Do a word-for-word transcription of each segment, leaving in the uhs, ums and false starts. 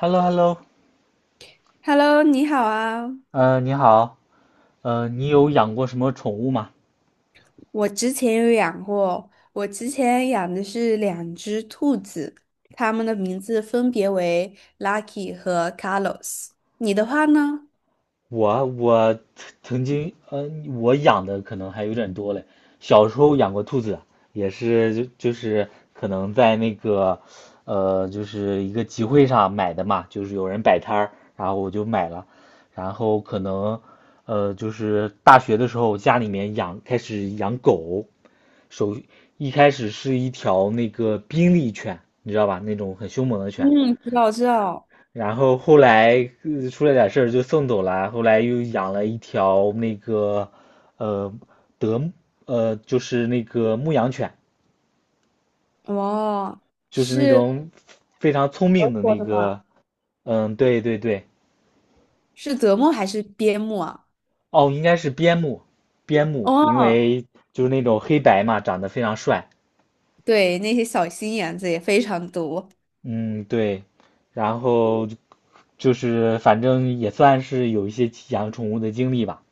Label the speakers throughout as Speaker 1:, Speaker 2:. Speaker 1: h e l l o h e l l o
Speaker 2: Hello，你好啊！
Speaker 1: 呃，你好。呃，你有养过什么宠物吗？
Speaker 2: 我之前有养过，我之前养的是两只兔子，它们的名字分别为 Lucky 和 Carlos。你的话呢？
Speaker 1: 我我曾经，呃，我养的可能还有点多嘞。小时候养过兔子，也是就就是可能在那个，呃，就是一个集会上买的嘛，就是有人摆摊儿，然后我就买了。然后可能，呃，就是大学的时候家里面养开始养狗。首一开始是一条那个宾利犬，你知道吧？那种很凶猛的犬。
Speaker 2: 嗯，知道知道。
Speaker 1: 然后后来，呃出了点事儿就送走了，后来又养了一条那个，呃德呃就是那个牧羊犬，
Speaker 2: 哦，
Speaker 1: 就是那
Speaker 2: 是
Speaker 1: 种非常聪
Speaker 2: 德
Speaker 1: 明的
Speaker 2: 国
Speaker 1: 那
Speaker 2: 的吗？
Speaker 1: 个。嗯，对对对。
Speaker 2: 是德牧还是边牧啊？
Speaker 1: 哦，应该是边牧。边牧，因
Speaker 2: 哦，
Speaker 1: 为就是那种黑白嘛，长得非常帅。
Speaker 2: 对，那些小心眼子也非常多。
Speaker 1: 嗯，对，然后就是反正也算是有一些养宠物的经历吧。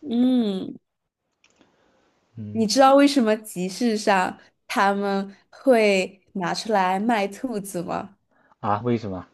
Speaker 2: 嗯，
Speaker 1: 嗯。
Speaker 2: 你知道为什么集市上他们会拿出来卖兔子吗？
Speaker 1: 啊，为什么？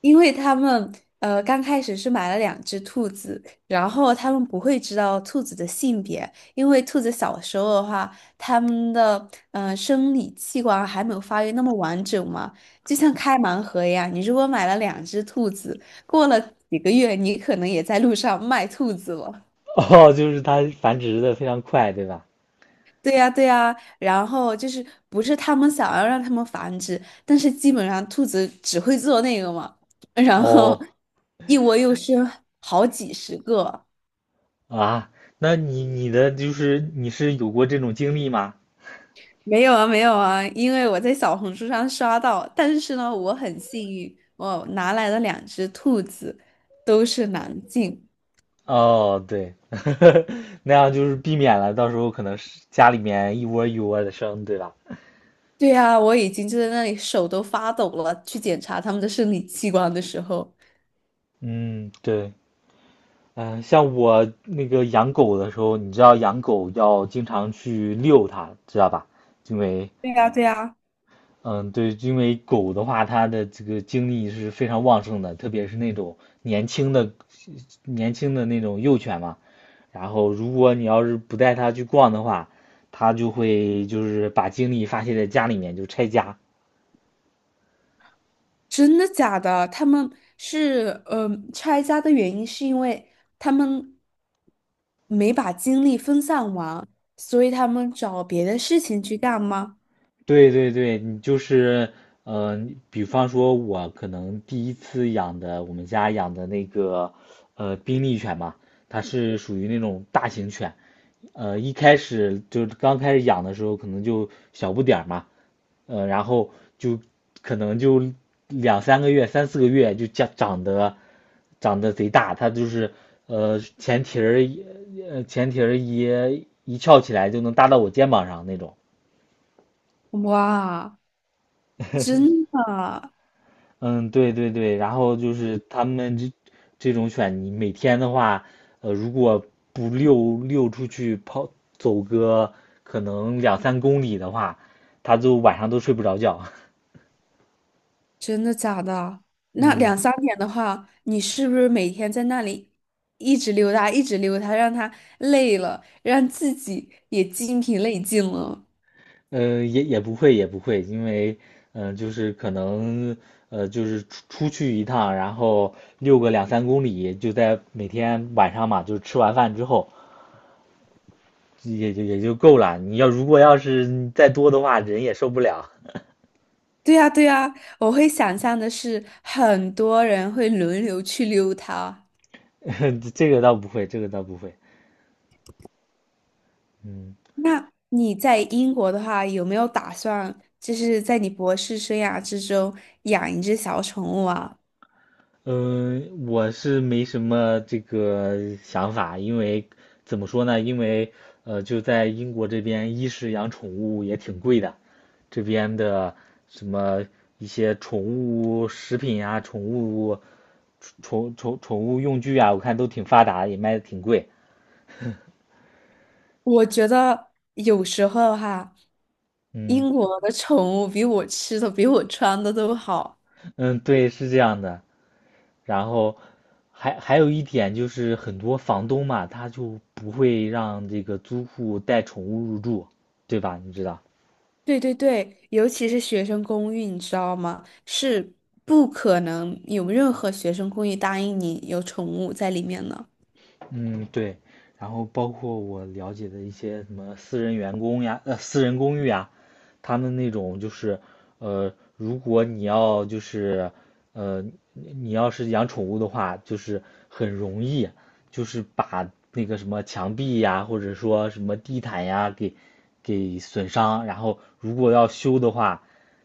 Speaker 2: 因为他们呃刚开始是买了两只兔子，然后他们不会知道兔子的性别，因为兔子小时候的话，他们的呃生理器官还没有发育那么完整嘛，就像开盲盒一样。你如果买了两只兔子，过了几个月，你可能也在路上卖兔子了。
Speaker 1: 哦，就是它繁殖的非常快，对吧？
Speaker 2: 对呀，对呀，然后就是不是他们想要让他们繁殖，但是基本上兔子只会做那个嘛，然后
Speaker 1: 哦。
Speaker 2: 一窝又生好几十个。
Speaker 1: 啊，那你你的就是你是有过这种经历吗？
Speaker 2: 没有啊，没有啊，因为我在小红书上刷到，但是呢，我很幸运，我拿来的两只兔子都是男性。
Speaker 1: 哦，对。那样就是避免了到时候可能是家里面一窝一窝的生，对吧？
Speaker 2: 对呀，我已经就在那里手都发抖了，去检查他们的生理器官的时候。
Speaker 1: 嗯，对。嗯、像我那个养狗的时候，你知道养狗要经常去遛它，知道吧？因为，
Speaker 2: 对呀，对呀。
Speaker 1: 嗯，对，因为狗的话，它的这个精力是非常旺盛的，特别是那种年轻的年轻的那种幼犬嘛。然后如果你要是不带它去逛的话，它就会就是把精力发泄在家里面，就拆家。
Speaker 2: 真的假的？他们是嗯呃拆家的原因是因为他们没把精力分散完，所以他们找别的事情去干吗？
Speaker 1: 对对对，你就是，呃，比方说，我可能第一次养的，我们家养的那个，呃，宾利犬嘛，它是属于那种大型犬。呃，一开始就是刚开始养的时候，可能就小不点儿嘛。呃，然后就可能就两三个月、三四个月就长长得长得贼大。它就是呃前蹄儿一呃前蹄儿一一翘起来就能搭到我肩膀上那种。
Speaker 2: 哇，真的
Speaker 1: 嗯，对对对，然后就是他们这这种犬，你每天的话，呃，如果不遛遛出去跑走个可能两三公里的话，它就晚上都睡不着觉。
Speaker 2: 真的假的？那
Speaker 1: 嗯。
Speaker 2: 两三点的话，你是不是每天在那里一直溜达，一直溜达，让他累了，让自己也精疲力尽了？
Speaker 1: 呃，也也不会也不会，因为嗯、呃就是可能呃，就是出出去一趟，然后遛个两三公里，就在每天晚上嘛，就是吃完饭之后，也就也就够了。你要如果要是再多的话，人也受不了。
Speaker 2: 对呀，对呀，我会想象的是，很多人会轮流去溜它。
Speaker 1: 这个倒不会，这个倒不会。嗯
Speaker 2: 那你在英国的话，有没有打算就是在你博士生涯之中养一只小宠物啊？
Speaker 1: 嗯、呃我是没什么这个想法。因为怎么说呢？因为呃，就在英国这边，一是养宠物也挺贵的，这边的什么一些宠物食品啊、宠物宠宠宠物用具啊，我看都挺发达，也卖的挺贵。
Speaker 2: 我觉得有时候哈，
Speaker 1: 嗯
Speaker 2: 英国的宠物比我吃的、比我穿的都好。
Speaker 1: 嗯，对，是这样的。然后还还有一点就是很多房东嘛，他就不会让这个租户带宠物入住，对吧？你知道。
Speaker 2: 对对对，尤其是学生公寓，你知道吗？是不可能有任何学生公寓答应你有宠物在里面的。
Speaker 1: 嗯，对，然后包括我了解的一些什么私人员工呀，呃，私人公寓呀，他们那种就是，呃，如果你要就是，呃，你要是养宠物的话，就是很容易，就是把那个什么墙壁呀，或者说什么地毯呀，给给损伤。然后如果要修的话，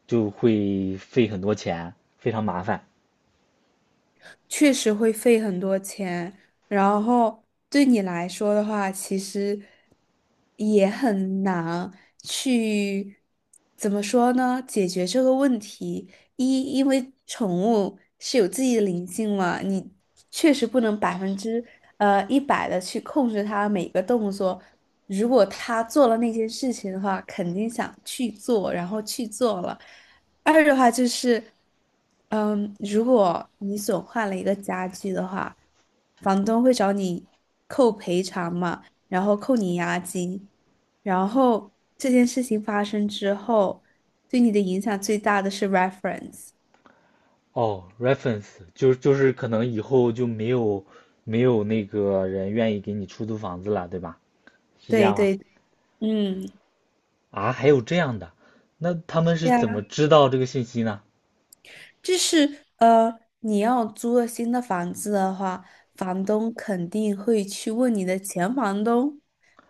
Speaker 1: 就会费很多钱，非常麻烦。
Speaker 2: 确实会费很多钱，然后对你来说的话，其实也很难去怎么说呢？解决这个问题，一因为宠物是有自己的灵性嘛，你确实不能百分之呃一百的去控制它每个动作。如果它做了那些事情的话，肯定想去做，然后去做了。二的话就是，嗯，如果你损坏了一个家具的话，房东会找你扣赔偿嘛，然后扣你押金，然后这件事情发生之后，对你的影响最大的是 reference。
Speaker 1: 哦，reference 就是就是可能以后就没有没有那个人愿意给你出租房子了，对吧？是这
Speaker 2: 对
Speaker 1: 样吗？
Speaker 2: 对，嗯，
Speaker 1: 啊，还有这样的。那他们是
Speaker 2: 对
Speaker 1: 怎么
Speaker 2: 啊
Speaker 1: 知道这个信息呢？
Speaker 2: 就是呃，你要租了新的房子的话，房东肯定会去问你的前房东，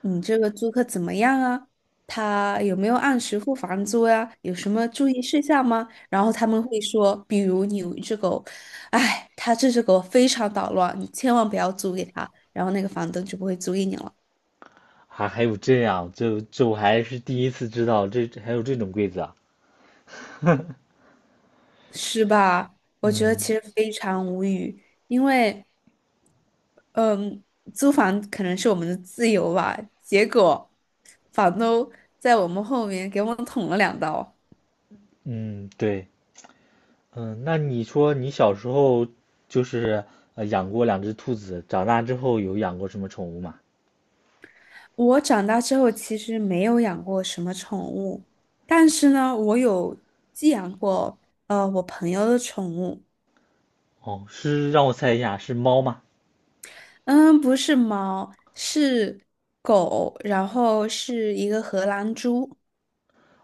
Speaker 2: 你这个租客怎么样啊？他有没有按时付房租呀？有什么注意事项吗？然后他们会说，比如你有一只狗，哎，他这只狗非常捣乱，你千万不要租给他，然后那个房东就不会租给你了，
Speaker 1: 啊，还有这样，这这我还是第一次知道，这这还有这种规则啊。
Speaker 2: 是吧？我觉得
Speaker 1: 嗯
Speaker 2: 其实非常无语，因为。嗯，租房可能是我们的自由吧，结果房东在我们后面给我们捅了两刀。
Speaker 1: 嗯，对。嗯，那你说你小时候就是呃养过两只兔子，长大之后有养过什么宠物吗？
Speaker 2: 我长大之后其实没有养过什么宠物，但是呢，我有寄养过呃我朋友的宠物，
Speaker 1: 哦，是让我猜一下，是猫吗？
Speaker 2: 嗯，不是猫，是狗，然后是一个荷兰猪。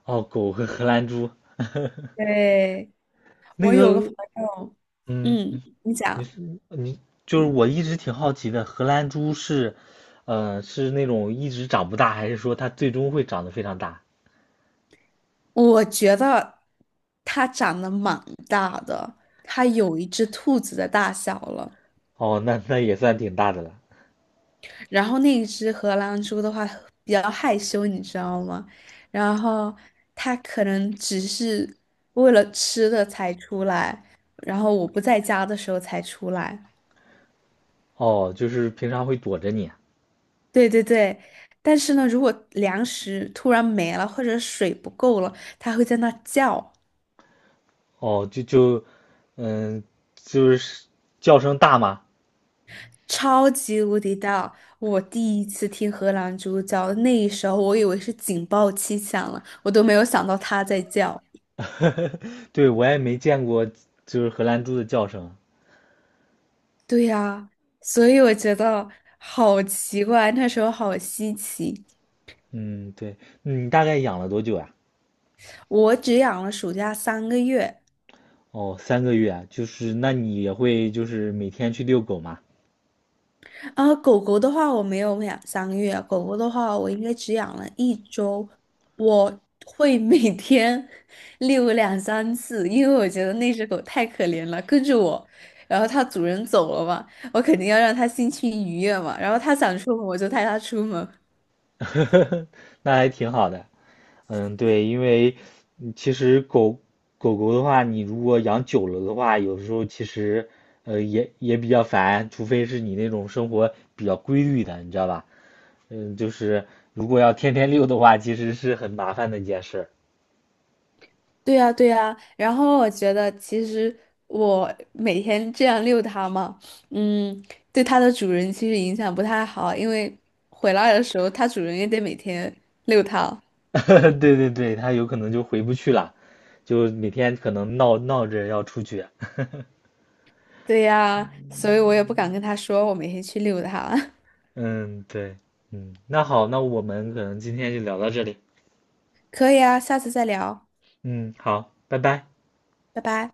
Speaker 1: 哦，狗和荷兰猪。
Speaker 2: 对，
Speaker 1: 那
Speaker 2: 我有个
Speaker 1: 个，
Speaker 2: 朋友，
Speaker 1: 嗯，
Speaker 2: 嗯，你
Speaker 1: 你
Speaker 2: 讲。
Speaker 1: 是你就是我一直挺好奇的。荷兰猪是，呃，是那种一直长不大，还是说它最终会长得非常大？
Speaker 2: 我觉得它长得蛮大的，它有一只兔子的大小了。
Speaker 1: 哦，那那也算挺大的了。
Speaker 2: 然后那一只荷兰猪的话比较害羞，你知道吗？然后它可能只是为了吃的才出来，然后我不在家的时候才出来。
Speaker 1: 哦，就是平常会躲着你啊。
Speaker 2: 对对对，但是呢，如果粮食突然没了或者水不够了，它会在那叫。
Speaker 1: 哦，就就，嗯，就是叫声大吗？
Speaker 2: 超级无敌大！我第一次听荷兰猪叫，那一时候我以为是警报器响了，我都没有想到它在叫。
Speaker 1: 对，我也没见过，就是荷兰猪的叫声。
Speaker 2: 对呀，所以我觉得好奇怪，那时候好稀奇。
Speaker 1: 嗯，对。你大概养了多久呀？
Speaker 2: 我只养了暑假三个月，
Speaker 1: 哦，三个月啊，就是那你也会就是每天去遛狗吗？
Speaker 2: 啊，狗狗的话我没有养三个月，狗狗的话我应该只养了一周。我会每天 遛两三次，因为我觉得那只狗太可怜了，跟着我，然后它主人走了嘛，我肯定要让它心情愉悦嘛，然后它想出门我就带它出门。
Speaker 1: 那还挺好的。嗯，对，因为嗯其实狗狗狗的话，你如果养久了的话，有时候其实呃也也比较烦，除非是你那种生活比较规律的，你知道吧？嗯，就是如果要天天遛的话，其实是很麻烦的一件事。
Speaker 2: 对呀，对呀，然后我觉得其实我每天这样遛它嘛，嗯，对它的主人其实影响不太好，因为回来的时候它主人也得每天遛它。
Speaker 1: 对对对，它有可能就回不去了，就每天可能闹闹着要出去。
Speaker 2: 对呀，所以我也不敢跟他说我每天去遛他。
Speaker 1: 嗯，对。嗯，那好，那我们可能今天就聊到这里。
Speaker 2: 可以啊，下次再聊，
Speaker 1: 嗯，好，拜拜。
Speaker 2: 拜拜。